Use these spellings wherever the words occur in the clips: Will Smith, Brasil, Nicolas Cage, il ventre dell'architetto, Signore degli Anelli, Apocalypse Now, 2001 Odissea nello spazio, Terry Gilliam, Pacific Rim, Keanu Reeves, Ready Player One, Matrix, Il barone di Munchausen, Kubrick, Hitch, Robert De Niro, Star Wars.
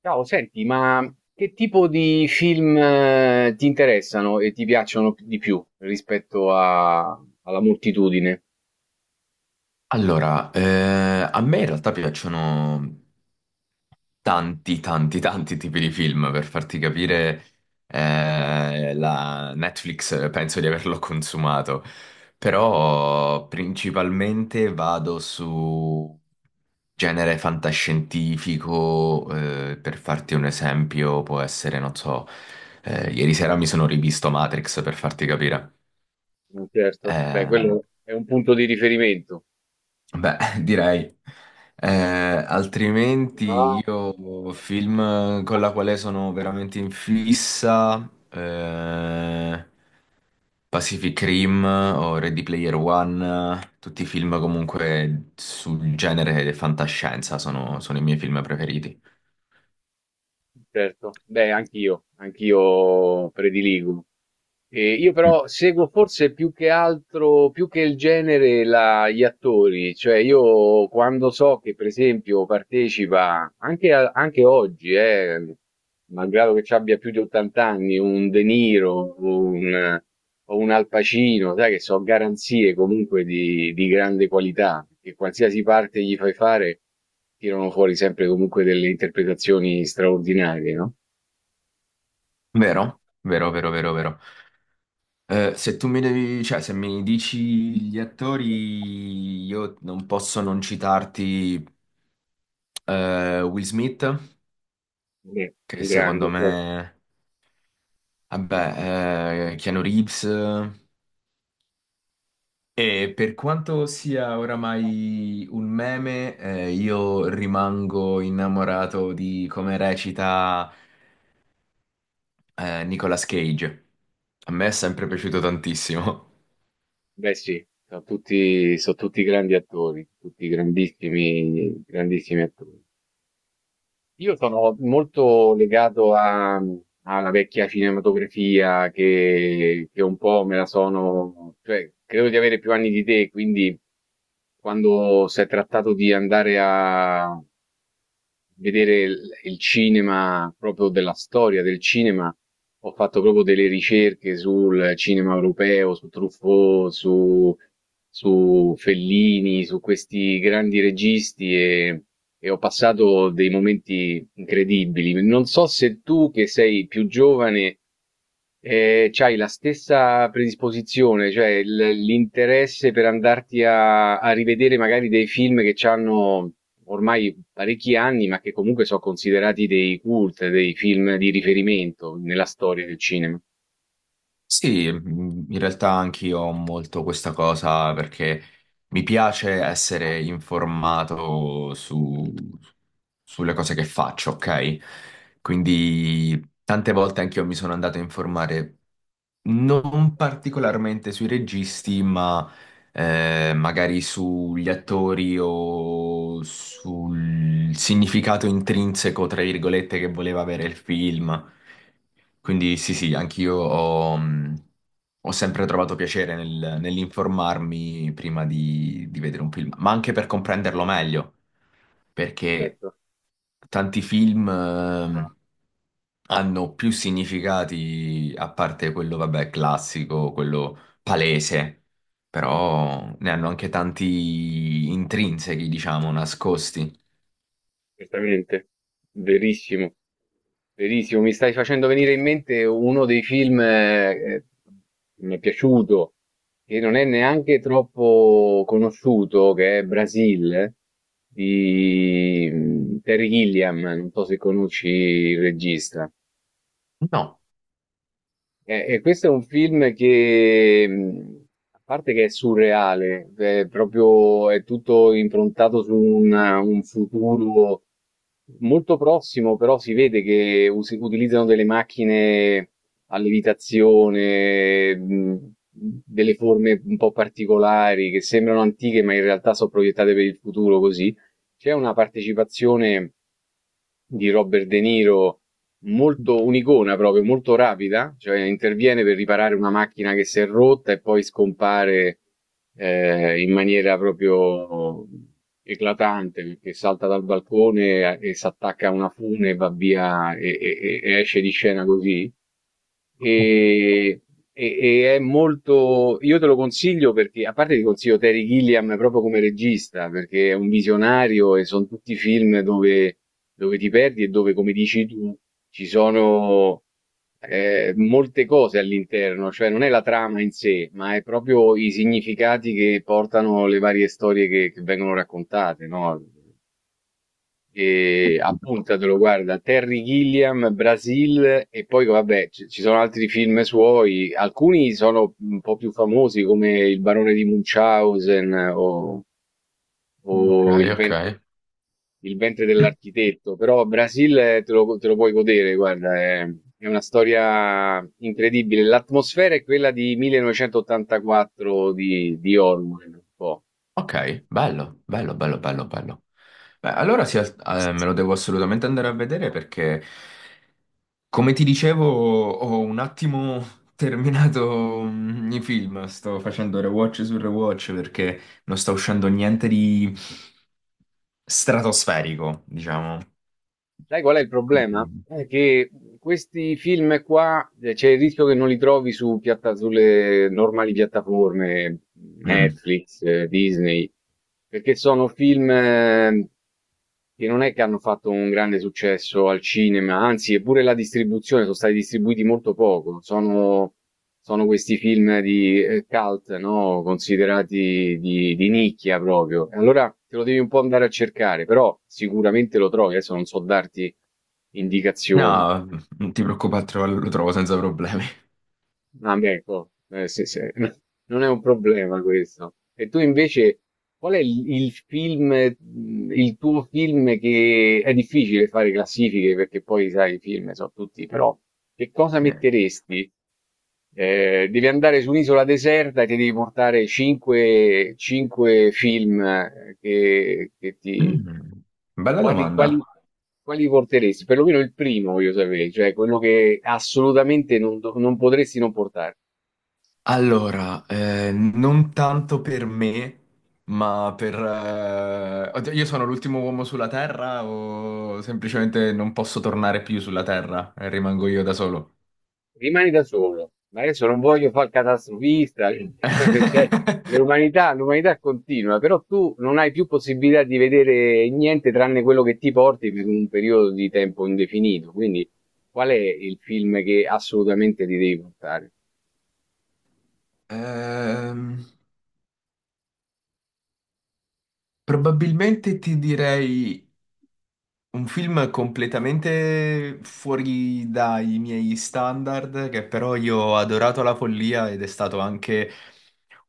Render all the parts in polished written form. Ciao, senti, ma che tipo di film ti interessano e ti piacciono di più alla moltitudine? Allora, a me in realtà piacciono tanti tipi di film, per farti capire, la Netflix penso di averlo consumato, però principalmente vado su genere fantascientifico, per farti un esempio, può essere, non so, ieri sera mi sono rivisto Matrix, per farti capire. Certo. Beh, Ehm, quello è un punto di riferimento. Beh, direi. Eh, Altrimenti No. io film con la quale sono veramente in fissa, Pacific Rim o Ready Player One, tutti i film comunque sul genere di fantascienza sono i miei film preferiti. Certo, beh, anch'io prediligo. E io Mm. però seguo forse più che altro, più che il genere, gli attori, cioè io quando so che per esempio partecipa, anche, anche oggi, malgrado che ci abbia più di 80 anni, un De Niro o un, o un Al Pacino, sai che sono garanzie comunque di grande qualità, che qualsiasi parte gli fai fare. Tirano fuori sempre comunque delle interpretazioni straordinarie, no? Vero? Vero, vero, vero, vero. Se tu mi devi, cioè, se mi dici gli attori, io non posso non citarti Will Smith. Beh, Che un secondo grande, certo. me, vabbè, Keanu Reeves. E per quanto sia oramai un meme, io rimango innamorato di come recita, Nicolas Cage. A me è sempre piaciuto tantissimo. Beh, sì, sono tutti grandi attori, tutti grandissimi attori. Io sono molto legato alla vecchia cinematografia che un po' me la sono, cioè credo di avere più anni di te, quindi quando si è trattato di andare a vedere il cinema proprio della storia del cinema, ho fatto proprio delle ricerche sul cinema europeo, su Truffaut, su, su Fellini, su questi grandi registi e ho passato dei momenti incredibili. Non so se tu, che sei più giovane, hai la stessa predisposizione, cioè l'interesse per andarti a rivedere magari dei film che hanno ormai parecchi anni, ma che comunque sono considerati dei cult, dei film di riferimento nella storia del cinema. Sì, in realtà anch'io ho molto questa cosa perché mi piace Ah. essere informato su, sulle cose che faccio, ok? Quindi tante volte anch'io mi sono andato a informare non particolarmente sui registi, ma magari sugli attori o sul significato intrinseco, tra virgolette, che voleva avere il film. Quindi sì, sì, anch'io ho, ho sempre trovato piacere nell'informarmi prima di vedere un film, ma anche per comprenderlo meglio perché Certo, tanti film ah, hanno più significati, a parte quello, vabbè, classico, quello palese, però ne hanno anche tanti intrinsechi, diciamo, nascosti. certamente, verissimo. Verissimo, mi stai facendo venire in mente uno dei film che mi è piaciuto, che non è neanche troppo conosciuto, che è Brasil, di mm, Terry Gilliam, non so se conosci il regista. No. E questo è un film che, a parte che è surreale, è proprio, è tutto improntato su un futuro molto prossimo, però si vede che utilizzano delle macchine a levitazione, delle forme un po' particolari che sembrano antiche, ma in realtà sono proiettate per il futuro così. C'è una partecipazione di Robert De Niro. Molto un'icona proprio, molto rapida, cioè interviene per riparare una macchina che si è rotta e poi scompare in maniera proprio eclatante, perché salta dal balcone e si attacca a una fune, va via e esce di scena così e, e- e è molto. Io te lo consiglio perché, a parte ti consiglio Terry Gilliam proprio come regista, perché è un visionario e sono tutti film dove, dove ti perdi e dove, come dici tu, ci sono molte cose all'interno, cioè non è la trama in sé, ma è proprio i significati che portano le varie storie che vengono raccontate, no? E appuntatelo, guarda, Terry Gilliam, Brasil e poi vabbè, ci sono altri film suoi, alcuni sono un po' più famosi come Il barone di Munchausen Ok, o ok. Il ventre dell'architetto, però Brasil te lo puoi godere, guarda, è una storia incredibile. L'atmosfera è quella di 1984 di Orwell, un po'. Ok, bello, bello, bello, bello, bello. Beh, allora sì, me lo devo assolutamente andare a vedere perché come ti dicevo, ho un attimo terminato i film, sto facendo rewatch su rewatch perché non sta uscendo niente di stratosferico, diciamo. Sai qual è il problema? Quindi- È che questi film qua c'è il rischio che non li trovi su sulle normali piattaforme, Mm. Netflix, Disney, perché sono film che non è che hanno fatto un grande successo al cinema, anzi, eppure la distribuzione sono stati distribuiti molto poco. Sono questi film di cult, no? Considerati di nicchia proprio. E allora te lo devi un po' andare a cercare, però sicuramente lo trovi. Adesso non so darti indicazioni. No, non ti preoccupare, lo trovo senza problemi. Ah, beh, ecco, sì, sì. Non è un problema questo. E tu invece, qual è il film, il tuo film che è difficile fare classifiche perché poi sai, i film sono tutti, però che cosa Sì. metteresti? Devi andare su un'isola deserta e ti devi portare 5, film che ti... Mm. Bella Quali, quali, domanda. quali porteresti? Perlomeno il primo voglio sapere, cioè quello che assolutamente non, non potresti non portare. Allora, non tanto per me, ma per... oddio, io sono l'ultimo uomo sulla Terra o semplicemente non posso tornare più sulla Terra e rimango io da solo? Rimani da solo, ma adesso non voglio fare il catastrofista, cioè, l'umanità continua, però tu non hai più possibilità di vedere niente tranne quello che ti porti per un periodo di tempo indefinito, quindi qual è il film che assolutamente ti devi portare? Ehm, Probabilmente ti direi un film completamente fuori dai miei standard, che però io ho adorato alla follia ed è stato anche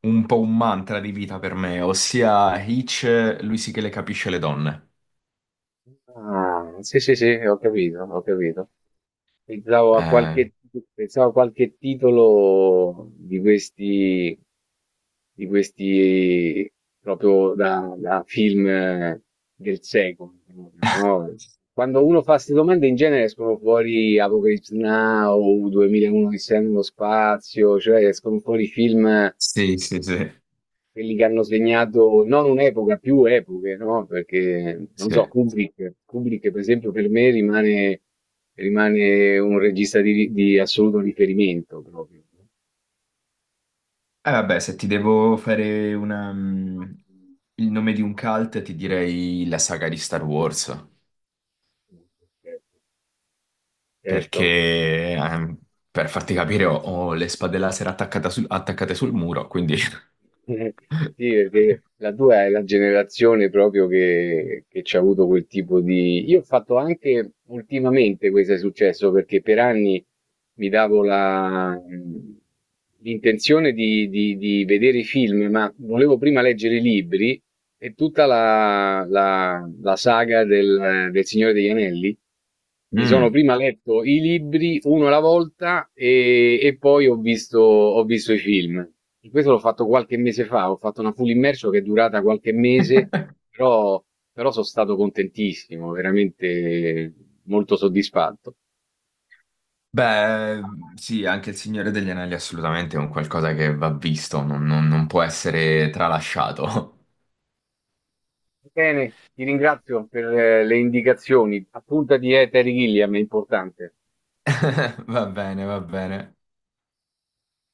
un po' un mantra di vita per me, ossia Hitch, lui sì che le capisce le donne. Ah, sì, sì, sì, ho capito, ho capito. Pensavo a Eh, qualche, pensavo a qualche titolo di questi proprio da, da film del secolo. Proprio, no? Quando uno fa queste domande in genere escono fuori Apocalypse Now, 2001 Odissea nello spazio, cioè escono fuori film sì, sì, sì, quelli che hanno segnato non un'epoca, più epoche, no? Perché non sì. so, Eh Kubrick, per esempio, per me rimane, rimane un regista di assoluto riferimento proprio. vabbè, se ti devo fare una, mm, il nome di un cult, ti direi la saga di Star Wars. Certo. Perché per farti capire ho, ho le spade laser attaccate sul muro, quindi... Eh, sì, perché la tua è la generazione proprio che c'ha avuto quel tipo di... Io ho fatto anche ultimamente questo è successo perché per anni mi davo l'intenzione di, di vedere i film, ma volevo prima leggere i libri e tutta la saga del Signore degli Anelli. Mi sono Mm. prima letto i libri uno alla volta e poi ho visto i film. E questo l'ho fatto qualche mese fa, ho fatto una full immersion che è durata qualche mese, però, però sono stato contentissimo, veramente molto soddisfatto. Beh, sì, anche il Signore degli Anelli assolutamente è un qualcosa che va visto, non può essere tralasciato. Bene, ti ringrazio per le indicazioni. Appuntati, Terry Gilliam, è importante. Va bene, va bene.